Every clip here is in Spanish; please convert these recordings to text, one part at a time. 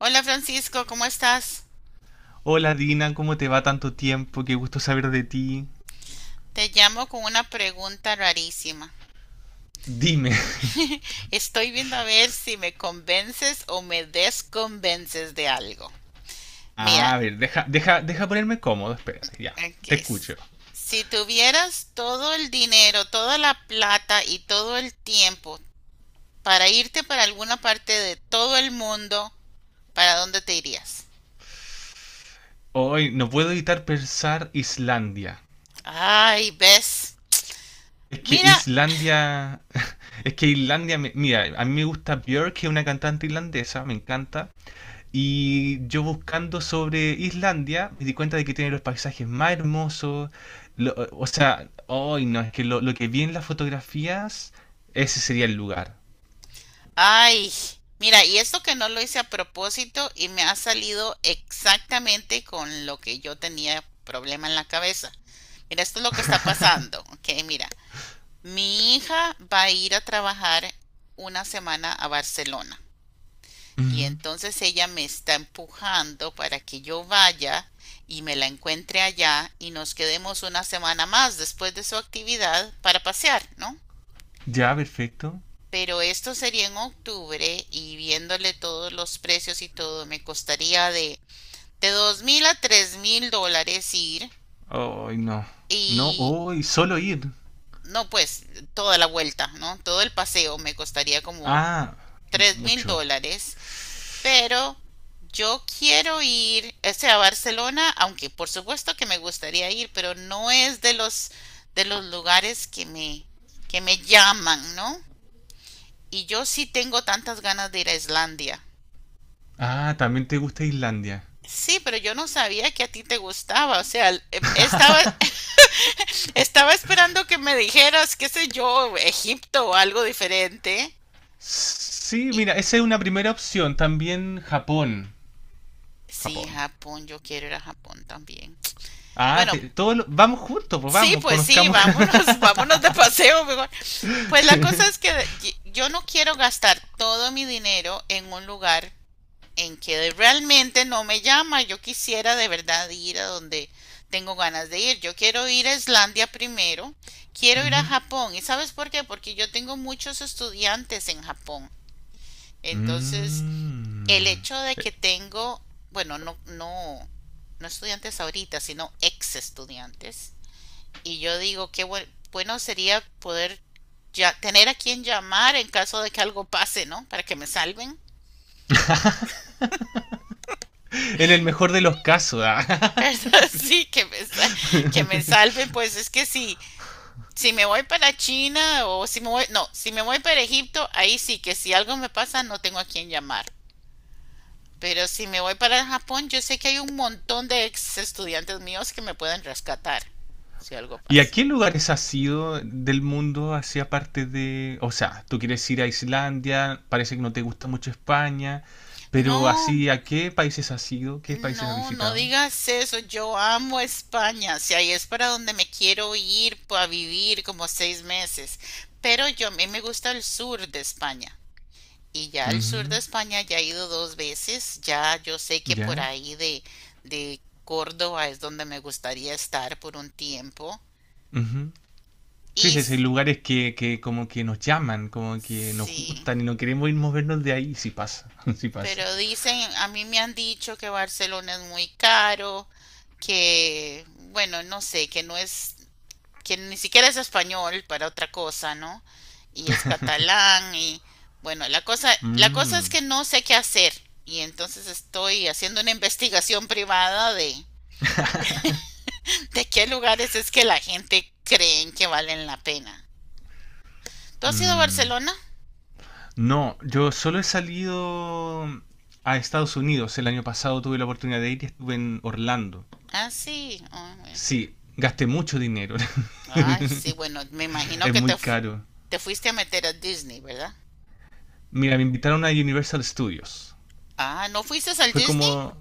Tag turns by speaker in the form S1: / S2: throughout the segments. S1: Hola Francisco, ¿cómo estás?
S2: Hola Dina, ¿cómo te va tanto tiempo? Qué gusto saber de ti.
S1: Te llamo con una pregunta rarísima.
S2: Dime.
S1: Estoy viendo a ver si me convences o me desconvences de algo. Mira,
S2: A ver, deja ponerme cómodo, espérate, ya.
S1: aquí
S2: Te escucho.
S1: es. Si tuvieras todo el dinero, toda la plata y todo el tiempo para irte para alguna parte de todo el mundo, ¿para dónde te irías?
S2: Hoy no puedo evitar pensar Islandia.
S1: Ay, ¿ves?
S2: Es que
S1: Mira,
S2: Islandia. Es que Islandia. Mira, a mí me gusta Björk, que es una cantante irlandesa, me encanta. Y yo buscando sobre Islandia, me di cuenta de que tiene los paisajes más hermosos. O sea, hoy no, es que lo que vi en las fotografías, ese sería el lugar.
S1: ay, mira, y esto que no lo hice a propósito y me ha salido exactamente con lo que yo tenía problema en la cabeza. Mira, esto es lo que está pasando, ¿ok? Mira, mi hija va a ir a trabajar una semana a Barcelona y entonces ella me está empujando para que yo vaya y me la encuentre allá y nos quedemos una semana más después de su actividad para pasear, ¿no?
S2: Ya, perfecto.
S1: Pero esto sería en octubre y viéndole todos los precios y todo, me costaría de $2.000 a $3.000 ir
S2: Ay, no. No,
S1: y
S2: hoy solo ir.
S1: no, pues toda la vuelta, ¿no? Todo el paseo me costaría como
S2: Ah,
S1: tres mil
S2: mucho.
S1: dólares, pero yo quiero ir, o sea, a Barcelona, aunque por supuesto que me gustaría ir, pero no es de los lugares que me llaman, ¿no? Y yo sí tengo tantas ganas de ir a Islandia.
S2: Ah, también te gusta Islandia.
S1: Sí, pero yo no sabía que a ti te gustaba, o sea, estaba, estaba esperando que me dijeras, qué sé yo, Egipto o algo diferente.
S2: Sí,
S1: Y
S2: mira, esa es una primera opción. También Japón.
S1: sí,
S2: Japón.
S1: Japón, yo quiero ir a Japón también.
S2: Ah,
S1: Bueno,
S2: vamos juntos, pues
S1: sí,
S2: vamos,
S1: pues sí,
S2: conozcamos.
S1: vámonos, vámonos de paseo mejor. Pues la cosa es que yo no quiero gastar todo mi dinero en un lugar en que realmente no me llama. Yo quisiera de verdad ir a donde tengo ganas de ir. Yo quiero ir a Islandia primero, quiero ir a
S2: Ujú.
S1: Japón. ¿Y sabes por qué? Porque yo tengo muchos estudiantes en Japón. Entonces, el
S2: Mm.
S1: hecho de que tengo, bueno, no, no, no estudiantes ahorita, sino ex estudiantes. Y yo digo, bueno sería poder ya tener a quien llamar en caso de que algo pase, ¿no? Para que me salven.
S2: En el mejor de los casos. Ah.
S1: Sí, que me salven, pues es que sí, si me voy para China o si me voy, no, si me voy para Egipto, ahí sí que si algo me pasa no tengo a quién llamar. Pero si me voy para Japón, yo sé que hay un montón de ex estudiantes míos que me pueden rescatar si algo
S2: ¿Y a
S1: pasa.
S2: qué lugares has ido del mundo hacia parte de... O sea, tú quieres ir a Islandia, parece que no te gusta mucho España, pero
S1: No,
S2: así, ¿a qué países has ido? ¿Qué países has
S1: no, no
S2: visitado?
S1: digas eso. Yo amo España. Si ahí es para donde me quiero ir a vivir como 6 meses. Pero yo a mí me gusta el sur de España. Y ya al sur de
S2: Ujú.
S1: España ya he ido 2 veces, ya yo sé que por
S2: ¿Ya?
S1: ahí de Córdoba es donde me gustaría estar por un tiempo.
S2: Ujú. Sí,
S1: Y
S2: sí, sí, hay
S1: s-
S2: lugares que como que nos llaman, como que nos
S1: sí,
S2: gustan y no queremos ir movernos de ahí, sí pasa, sí pasa.
S1: pero dicen, a mí me han dicho que Barcelona es muy caro, que, bueno, no sé, que no es, que ni siquiera es español para otra cosa, ¿no? Y es catalán y, bueno, la cosa es
S2: Mm,
S1: que no sé qué hacer. Y entonces estoy haciendo una investigación privada de ¿de qué lugares es que la gente creen que valen la pena? ¿Tú has ido a
S2: mm.
S1: Barcelona?
S2: No, yo solo he salido a Estados Unidos. El año pasado tuve la oportunidad de ir y estuve en Orlando.
S1: Ah, sí. Ah, bueno.
S2: Sí, gasté mucho dinero.
S1: Ay, sí, bueno, me imagino
S2: Es
S1: que
S2: muy caro.
S1: te fuiste a meter a Disney, ¿verdad?
S2: Mira, me invitaron a Universal Studios.
S1: Ah, ¿no fuiste al
S2: Fue
S1: Disney?
S2: como...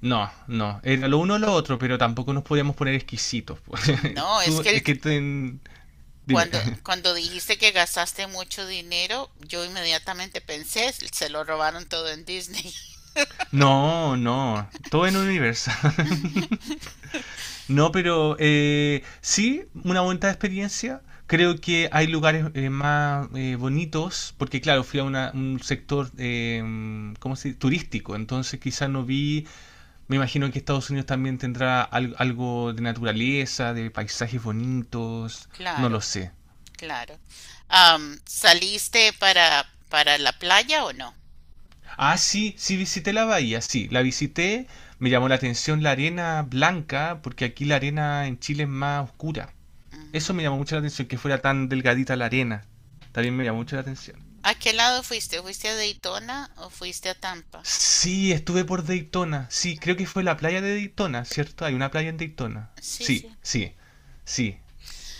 S2: No, no, era lo uno o lo otro, pero tampoco nos podíamos poner exquisitos, pues.
S1: No,
S2: Tú, Dime.
S1: cuando, cuando dijiste que gastaste mucho dinero, yo inmediatamente pensé, se lo robaron todo en Disney.
S2: No, no, todo en Universal. No, pero sí, una bonita experiencia. Creo que hay lugares más bonitos, porque claro, fui a un sector ¿cómo se dice? Turístico, entonces quizás no vi. Me imagino que Estados Unidos también tendrá algo de naturaleza, de paisajes bonitos, no lo
S1: Claro,
S2: sé.
S1: claro. Am, ¿saliste para la playa o no?
S2: Ah, sí, sí visité la bahía, sí, la visité, me llamó la atención la arena blanca, porque aquí la arena en Chile es más oscura.
S1: Ujú.
S2: Eso me llamó mucho la atención, que fuera tan delgadita la arena. También me llamó mucho la atención.
S1: ¿A qué lado fuiste? ¿Fuiste a Daytona o fuiste a Tampa?
S2: Sí, estuve por Daytona, sí, creo que fue la playa de Daytona, ¿cierto? Hay una playa en Daytona.
S1: Sí,
S2: Sí,
S1: sí.
S2: sí, sí.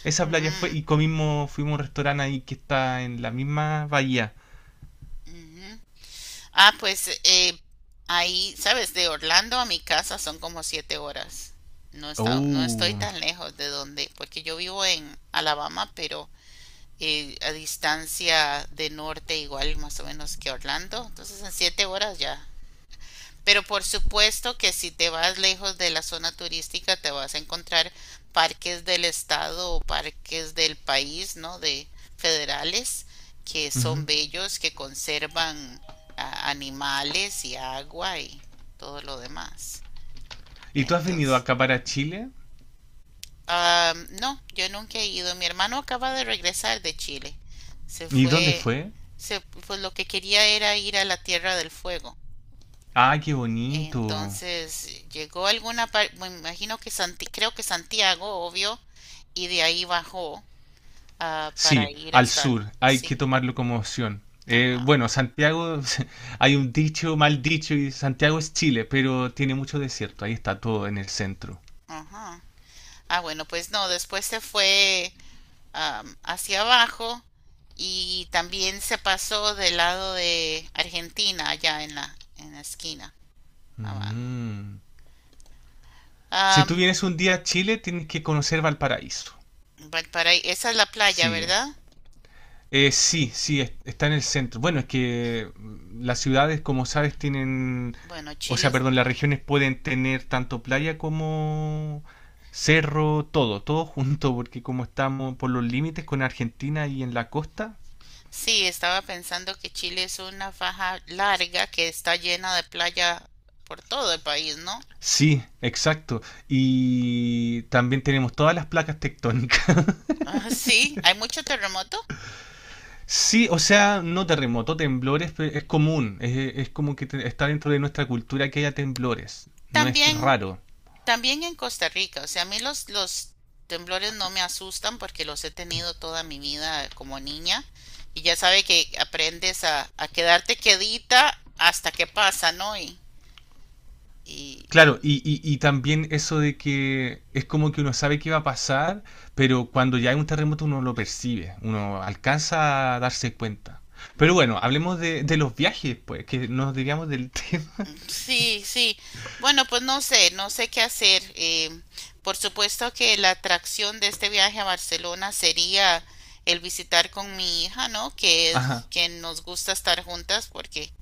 S2: Esa playa fue
S1: Mm,
S2: y comimos, fuimos a un restaurante ahí que está en la misma bahía.
S1: ujú. Ah, pues ahí, sabes, de Orlando a mi casa son como 7 horas. No está, no estoy
S2: Oh.
S1: tan lejos de donde, porque yo vivo en Alabama, pero a distancia de norte igual más o menos que Orlando. Entonces en 7 horas ya pero por supuesto que si te vas lejos de la zona turística, te vas a encontrar parques del estado o parques del país, ¿no? De federales, que son
S2: Ujú.
S1: bellos, que conservan animales y agua y todo lo demás.
S2: ¿Y tú has venido
S1: Entonces,
S2: acá para Chile?
S1: ah, no, yo nunca he ido. Mi hermano acaba de regresar de Chile. Se
S2: ¿Y dónde
S1: fue,
S2: fue?
S1: pues lo que quería era ir a la Tierra del Fuego.
S2: Ah, qué bonito.
S1: Entonces llegó a alguna parte, me imagino que creo que Santiago, obvio, y de ahí bajó para
S2: Sí,
S1: ir
S2: al
S1: hasta el...
S2: sur. Hay que
S1: Sí,
S2: tomarlo como opción.
S1: ajá,
S2: Bueno, Santiago, hay un dicho, mal dicho, y Santiago es Chile, pero tiene mucho desierto. Ahí está todo en el centro.
S1: ajá. Ah, bueno, pues no, después se fue hacia abajo y también se pasó del lado de Argentina, allá en la esquina, abajo.
S2: Mm. Si tú
S1: Am,
S2: vienes un día a Chile, tienes que conocer Valparaíso.
S1: pa- para, ahí- Esa es la playa,
S2: Sí,
S1: ¿verdad?
S2: eh, sí, sí, está en el centro. Bueno, es que las ciudades, como sabes, tienen,
S1: Bueno,
S2: o
S1: Chile
S2: sea, perdón, las regiones pueden tener tanto playa como cerro, todo, todo junto, porque como estamos por los límites con Argentina y en la costa,
S1: sí, estaba pensando que Chile es una faja larga que está llena de playa por todo el país, ¿no?
S2: sí, exacto. Y también tenemos todas las placas tectónicas.
S1: Ah, sí, hay mucho terremoto.
S2: Sí, o sea, no terremoto, temblores, es común, es como que está dentro de nuestra cultura que haya temblores, no es
S1: También,
S2: raro.
S1: también en Costa Rica. O sea, a mí los temblores no me asustan porque los he tenido toda mi vida como niña. Y ya sabe que aprendes a quedarte quedita hasta que pasa, ¿no? Y, y,
S2: Claro,
S1: y
S2: y también eso de que es como que uno sabe qué va a pasar, pero cuando ya hay un terremoto uno lo percibe, uno alcanza a darse cuenta. Pero bueno, hablemos de los viajes, pues, que nos digamos del tema.
S1: Sí, sí. Bueno, pues no sé, qué hacer. Por supuesto que la atracción de este viaje a Barcelona sería el visitar con mi hija, ¿no? Que es
S2: Ajá.
S1: que nos gusta estar juntas porque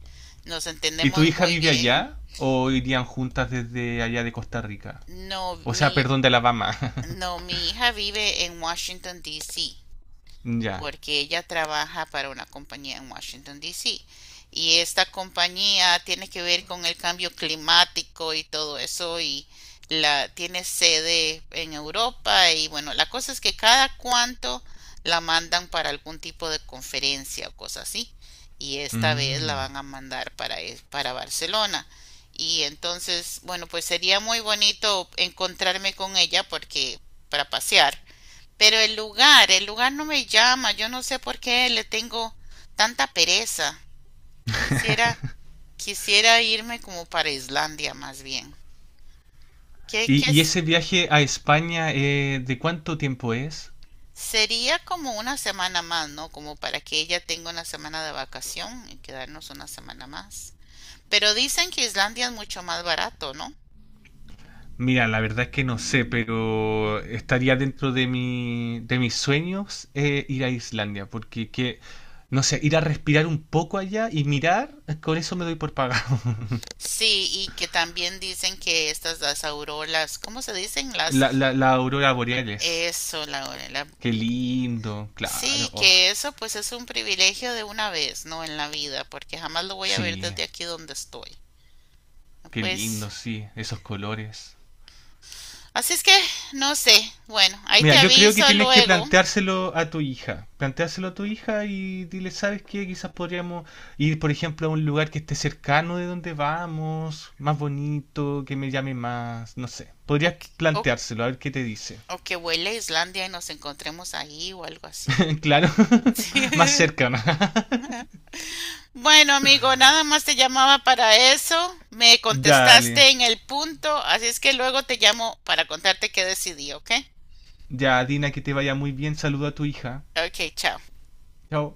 S1: nos
S2: ¿Y tu
S1: entendemos
S2: hija
S1: muy
S2: vive
S1: bien.
S2: allá o irían juntas desde allá de Costa Rica?
S1: No,
S2: O sea, perdón, de Alabama.
S1: mi hija vive en Washington, D.C.
S2: Ya.
S1: porque ella trabaja para una compañía en Washington, D.C. Y esta compañía tiene que ver con el cambio climático y todo eso y la tiene sede en Europa y bueno, la cosa es que cada cuánto la mandan para algún tipo de conferencia o cosa así y esta vez la
S2: Mm.
S1: van a mandar para, e, para Barcelona. Y entonces, bueno, pues sería muy bonito encontrarme con ella porque para pasear pero el lugar no me llama, yo no sé por qué le tengo tanta pereza. Quisiera, quisiera irme como para Islandia más bien. Que,
S2: ¿Y,
S1: que
S2: y
S1: s-
S2: ese viaje a España, de cuánto tiempo es?
S1: Sería como una semana más, ¿no? Como para que ella tenga una semana de vacación y quedarnos una semana más. Pero dicen que Islandia es mucho más barato, ¿no?
S2: Mira, la verdad es que no sé, pero estaría dentro de mi, de mis sueños ir a Islandia, porque que, no sé, ir a respirar un poco allá y mirar, con eso me doy por pagado.
S1: Sí, y que también dicen que estas las auroras, ¿cómo se dicen? Las,
S2: La aurora boreales.
S1: eso, la…
S2: Qué lindo, claro.
S1: Sí,
S2: Oh,
S1: que eso pues es un privilegio de una vez, ¿no? En la vida, porque jamás lo voy a ver
S2: sí,
S1: desde aquí donde estoy.
S2: qué
S1: Pues,
S2: lindo, sí, esos colores.
S1: así es que, no sé. Bueno, ahí
S2: Mira,
S1: te
S2: yo creo
S1: aviso
S2: que tienes que
S1: luego.
S2: planteárselo a tu hija. Planteárselo a tu hija y dile, ¿sabes qué? Quizás podríamos ir, por ejemplo, a un lugar que esté cercano de donde vamos, más bonito, que me llame más, no sé.
S1: O,
S2: Podrías
S1: que- o,
S2: planteárselo, a ver qué te dice.
S1: o, que vuele a Islandia y nos encontremos ahí o algo así.
S2: Claro, más
S1: Sí.
S2: cercano.
S1: Bueno, amigo, nada más te llamaba para eso. Me
S2: Dale.
S1: contestaste en el punto, así es que luego te llamo para contarte qué decidí, ¿ok?
S2: Ya, Dina, que te vaya muy bien. Saluda a tu hija.
S1: Ok, chao.
S2: Chao.